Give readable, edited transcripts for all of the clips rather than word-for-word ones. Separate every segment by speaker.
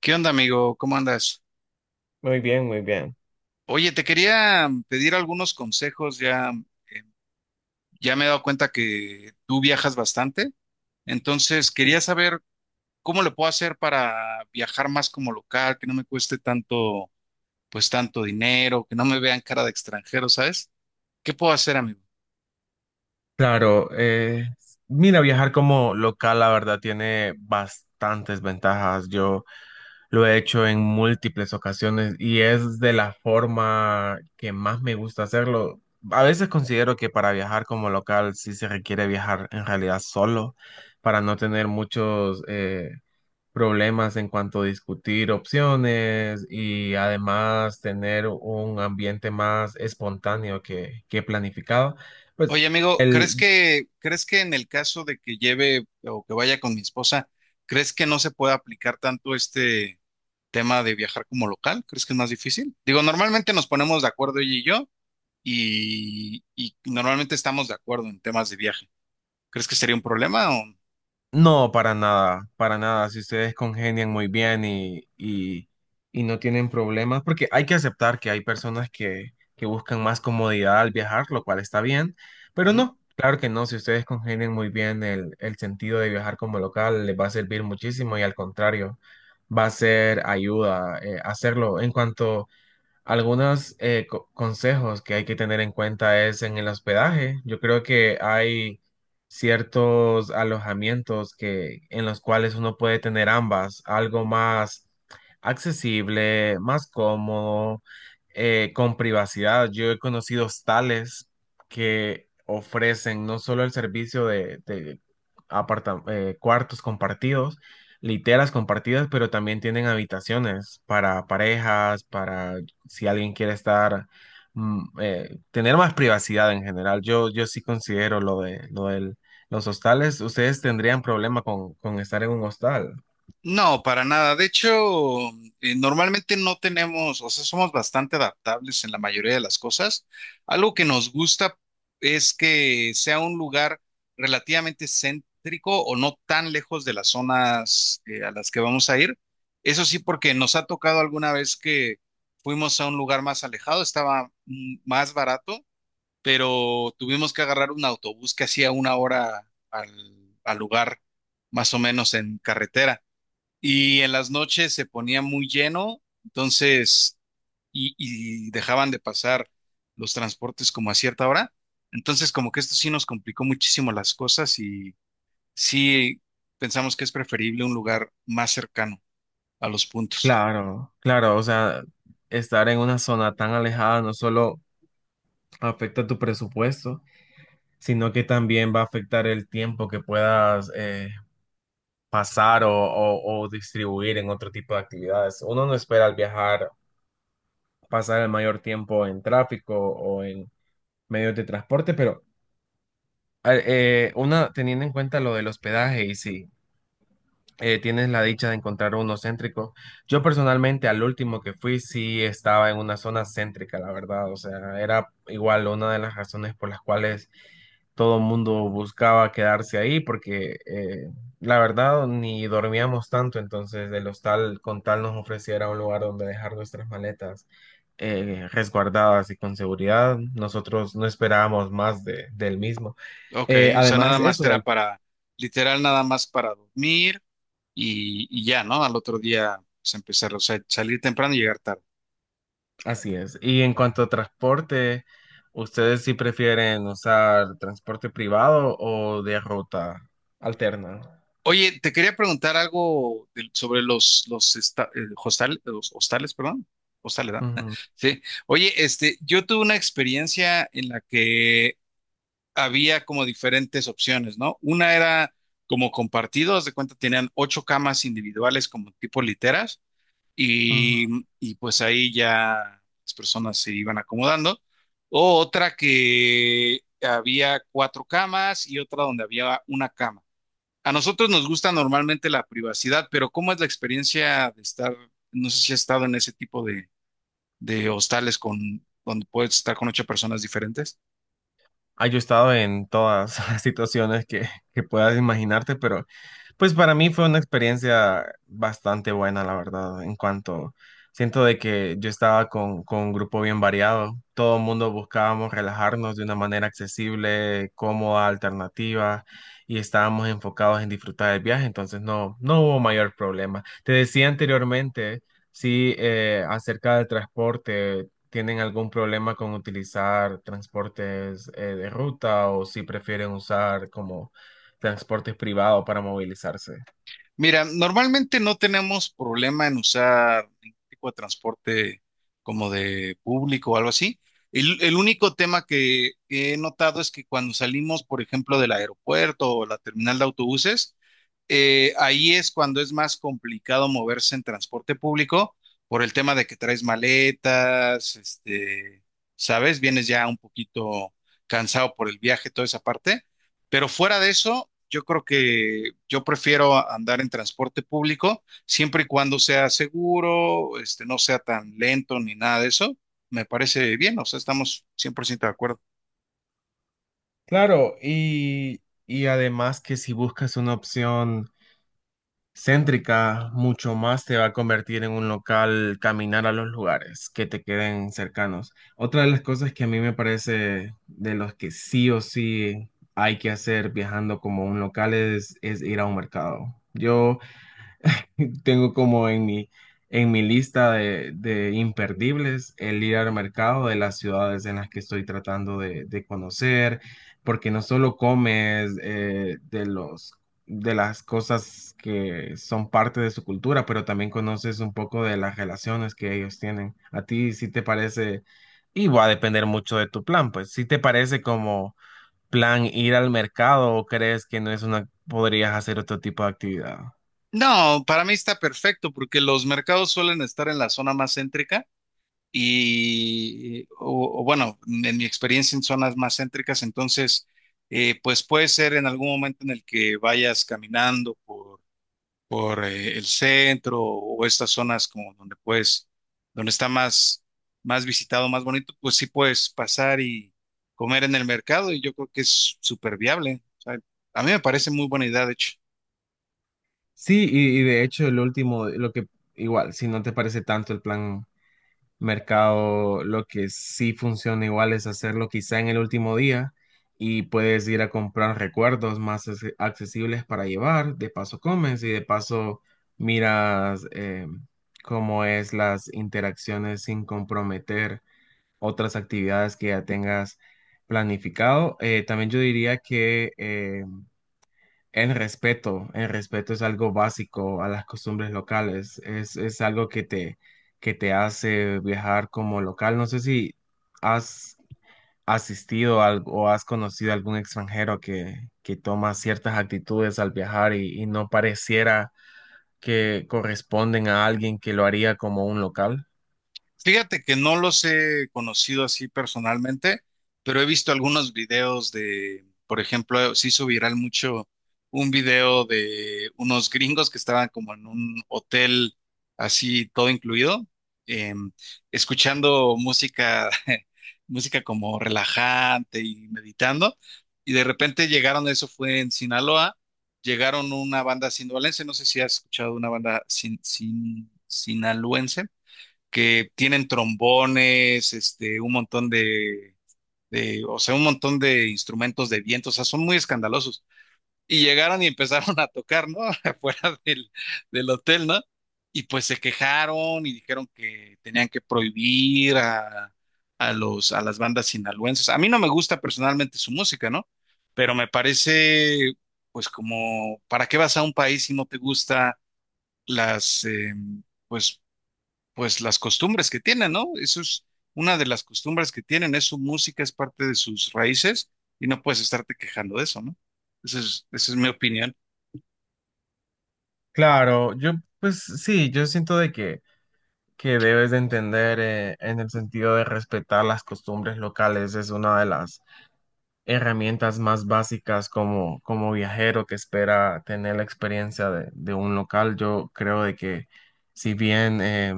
Speaker 1: ¿Qué onda, amigo? ¿Cómo andas?
Speaker 2: Muy bien, muy bien.
Speaker 1: Oye, te quería pedir algunos consejos. Ya, ya me he dado cuenta que tú viajas bastante. Entonces, quería saber cómo lo puedo hacer para viajar más como local, que no me cueste tanto, pues tanto dinero, que no me vean cara de extranjero, ¿sabes? ¿Qué puedo hacer, amigo?
Speaker 2: Claro, mira, viajar como local, la verdad, tiene bastantes ventajas. Yo lo he hecho en múltiples ocasiones y es de la forma que más me gusta hacerlo. A veces considero que para viajar como local sí se requiere viajar en realidad solo para no tener muchos, problemas en cuanto a discutir opciones y además tener un ambiente más espontáneo que planificado. Pues
Speaker 1: Oye, amigo, crees que en el caso de que lleve o que vaya con mi esposa, ¿crees que no se pueda aplicar tanto este tema de viajar como local? ¿Crees que es más difícil? Digo, normalmente nos ponemos de acuerdo ella y yo y normalmente estamos de acuerdo en temas de viaje. ¿Crees que sería un problema o...
Speaker 2: no, para nada, para nada. Si ustedes congenian muy bien y no tienen problemas, porque hay que aceptar que hay personas que buscan más comodidad al viajar, lo cual está bien, pero
Speaker 1: Ujú.
Speaker 2: no, claro que no. Si ustedes congenian muy bien el sentido de viajar como local, les va a servir muchísimo y al contrario, va a ser ayuda hacerlo. En cuanto algunos consejos que hay que tener en cuenta es en el hospedaje. Yo creo que hay ciertos alojamientos que, en los cuales uno puede tener ambas, algo más accesible, más cómodo, con privacidad. Yo he conocido hostales que ofrecen no solo el servicio de cuartos compartidos, literas compartidas, pero también tienen habitaciones para parejas, para si alguien quiere estar, tener más privacidad en general. Yo sí considero lo de los hostales. ¿Ustedes tendrían problema con estar en un hostal?
Speaker 1: No, para nada. De hecho, normalmente no tenemos, o sea, somos bastante adaptables en la mayoría de las cosas. Algo que nos gusta es que sea un lugar relativamente céntrico o no tan lejos de las zonas a las que vamos a ir. Eso sí, porque nos ha tocado alguna vez que fuimos a un lugar más alejado, estaba más barato, pero tuvimos que agarrar un autobús que hacía una hora al lugar, más o menos en carretera. Y en las noches se ponía muy lleno, entonces, y dejaban de pasar los transportes como a cierta hora. Entonces, como que esto sí nos complicó muchísimo las cosas y sí pensamos que es preferible un lugar más cercano a los puntos.
Speaker 2: Claro, claro, o sea, estar en una zona tan alejada no solo afecta tu presupuesto, sino que también va a afectar el tiempo que puedas pasar o distribuir en otro tipo de actividades. Uno no espera al viajar pasar el mayor tiempo en tráfico o en medios de transporte, pero uno teniendo en cuenta lo del hospedaje y sí, tienes la dicha de encontrar uno céntrico. Yo personalmente al último que fui sí estaba en una zona céntrica, la verdad. O sea, era igual una de las razones por las cuales todo el mundo buscaba quedarse ahí porque la verdad ni dormíamos tanto, entonces el hostal con tal nos ofreciera un lugar donde dejar nuestras maletas resguardadas y con seguridad, nosotros no esperábamos más del mismo.
Speaker 1: Ok,
Speaker 2: Eh,
Speaker 1: o sea, nada
Speaker 2: además,
Speaker 1: más
Speaker 2: eso,
Speaker 1: era para, literal, nada más para dormir y ya, ¿no? Al otro día, pues empezar, o sea, salir temprano y llegar tarde.
Speaker 2: Así es. Y en cuanto a transporte, ¿ustedes sí prefieren usar transporte privado o de ruta alterna?
Speaker 1: Oye, te quería preguntar algo sobre los hostales, perdón. Hostales, ¿verdad?
Speaker 2: Ujú,
Speaker 1: Sí. Oye, yo tuve una experiencia en la que había como diferentes opciones, ¿no? Una era como compartido, haz de cuenta, tenían ocho camas individuales como tipo literas
Speaker 2: ujú.
Speaker 1: y, y pues ahí ya las personas se iban acomodando. O otra que había cuatro camas y otra donde había una cama. A nosotros nos gusta normalmente la privacidad, pero ¿cómo es la experiencia de estar, no sé si has estado en ese tipo de hostales con, donde puedes estar con ocho personas diferentes?
Speaker 2: Ah, yo he estado en todas las situaciones que puedas imaginarte, pero pues para mí fue una experiencia bastante buena, la verdad, en cuanto siento de que yo estaba con un grupo bien variado, todo el mundo buscábamos relajarnos de una manera accesible, cómoda, alternativa, y estábamos enfocados en disfrutar del viaje, entonces no, no hubo mayor problema. Te decía anteriormente, sí, acerca del transporte. ¿Tienen algún problema con utilizar transportes de ruta o si prefieren usar como transportes privados para movilizarse?
Speaker 1: Mira, normalmente no tenemos problema en usar ningún tipo de transporte como de público o algo así. El único tema que he notado es que cuando salimos, por ejemplo, del aeropuerto o la terminal de autobuses, ahí es cuando es más complicado moverse en transporte público por el tema de que traes maletas, sabes, vienes ya un poquito cansado por el viaje, toda esa parte. Pero fuera de eso, yo creo que yo prefiero andar en transporte público siempre y cuando sea seguro, no sea tan lento ni nada de eso. Me parece bien, o sea, estamos 100% de acuerdo.
Speaker 2: Claro, y además que si buscas una opción céntrica, mucho más te va a convertir en un local caminar a los lugares que te queden cercanos. Otra de las cosas que a mí me parece de los que sí o sí hay que hacer viajando como un local es ir a un mercado. Yo tengo como en en mi lista de imperdibles el ir al mercado de las ciudades en las que estoy tratando de conocer, porque no solo comes de las cosas que son parte de su cultura, pero también conoces un poco de las relaciones que ellos tienen. ¿A ti sí te parece? Y va a depender mucho de tu plan, pues si te parece como plan ir al mercado o crees que no es una, ¿podrías hacer otro tipo de actividad?
Speaker 1: No, para mí está perfecto porque los mercados suelen estar en la zona más céntrica y, o bueno, en mi experiencia en zonas más céntricas, entonces, pues puede ser en algún momento en el que vayas caminando por el centro o estas zonas como donde puedes, donde está más, más visitado, más bonito, pues sí puedes pasar y comer en el mercado y yo creo que es súper viable. O sea, a mí me parece muy buena idea, de hecho.
Speaker 2: Sí, y de hecho el último, lo que igual, si no te parece tanto el plan mercado, lo que sí funciona igual es hacerlo quizá en el último día y puedes ir a comprar recuerdos más accesibles para llevar, de paso comes y de paso miras cómo es las interacciones sin comprometer otras actividades que ya tengas planificado. También yo diría que el respeto es algo básico a las costumbres locales, es algo que te hace viajar como local. No sé si has asistido o has conocido a algún extranjero que toma ciertas actitudes al viajar y no pareciera que corresponden a alguien que lo haría como un local.
Speaker 1: Fíjate que no los he conocido así personalmente, pero he visto algunos videos de, por ejemplo, se hizo viral mucho un video de unos gringos que estaban como en un hotel así todo incluido, em, escuchando música, música como relajante y meditando, y de repente llegaron, eso fue en Sinaloa, llegaron una banda sinaloense, no sé si has escuchado una banda sinaloense que tienen trombones, un montón o sea, un montón de instrumentos de viento, o sea, son muy escandalosos. Y llegaron y empezaron a tocar, ¿no? Afuera del hotel, ¿no? Y pues se quejaron y dijeron que tenían que prohibir a los, a las bandas sinaloenses. A mí no me gusta personalmente su música, ¿no? Pero me parece, pues como, ¿para qué vas a un país si no te gusta las, pues pues las costumbres que tienen, ¿no? Eso es una de las costumbres que tienen, es su música, es parte de sus raíces y no puedes estarte quejando de eso, ¿no? Esa es mi opinión.
Speaker 2: Claro, yo pues sí, yo siento que debes de entender en el sentido de respetar las costumbres locales, es una de las herramientas más básicas como, como viajero que espera tener la experiencia de un local. Yo creo de que si bien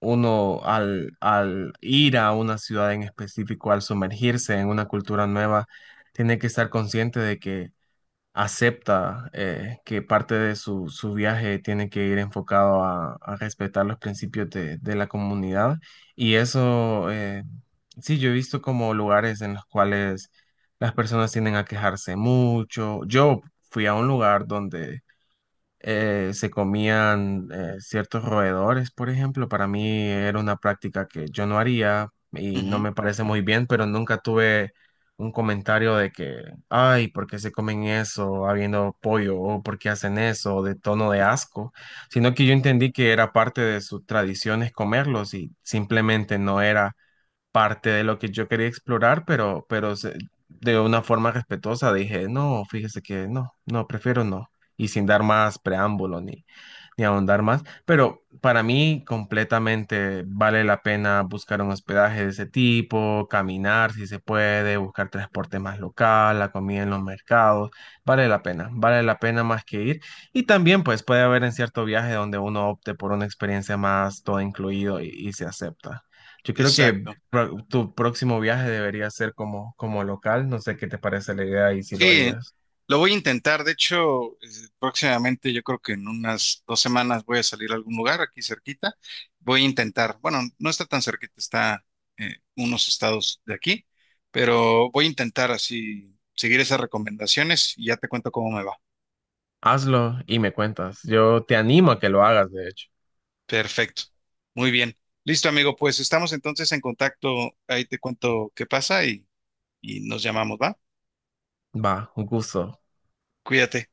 Speaker 2: uno al ir a una ciudad en específico, al sumergirse en una cultura nueva, tiene que estar consciente de que acepta que parte de su viaje tiene que ir enfocado a respetar los principios de la comunidad. Y eso, sí, yo he visto como lugares en los cuales las personas tienden a quejarse mucho. Yo fui a un lugar donde se comían ciertos roedores, por ejemplo. Para mí era una práctica que yo no haría y no
Speaker 1: Ujú,
Speaker 2: me parece muy bien, pero nunca tuve un comentario de que, ay, ¿por qué se comen eso habiendo pollo? ¿O por qué hacen eso? De tono de asco, sino que yo entendí que era parte de sus tradiciones comerlos y simplemente no era parte de lo que yo quería explorar, pero, de una forma respetuosa dije, no, fíjese que no, no, prefiero no, y sin dar más preámbulo ni, ni ahondar más, pero para mí completamente vale la pena buscar un hospedaje de ese tipo, caminar si se puede, buscar transporte más local, la comida en los mercados, vale la pena más que ir. Y también pues puede haber en cierto viaje donde uno opte por una experiencia más todo incluido y se acepta. Yo creo que
Speaker 1: exacto.
Speaker 2: tu próximo viaje debería ser como, como local. No sé qué te parece la idea y si lo
Speaker 1: Sí,
Speaker 2: harías.
Speaker 1: lo voy a intentar. De hecho, próximamente, yo creo que en unas 2 semanas voy a salir a algún lugar aquí cerquita. Voy a intentar, bueno, no está tan cerquita, está unos estados de aquí, pero voy a intentar así seguir esas recomendaciones y ya te cuento cómo me va.
Speaker 2: Hazlo y me cuentas. Yo te animo a que lo hagas, de hecho.
Speaker 1: Perfecto. Muy bien. Listo, amigo. Pues estamos entonces en contacto. Ahí te cuento qué pasa y nos llamamos, ¿va?
Speaker 2: Va, un gusto.
Speaker 1: Cuídate.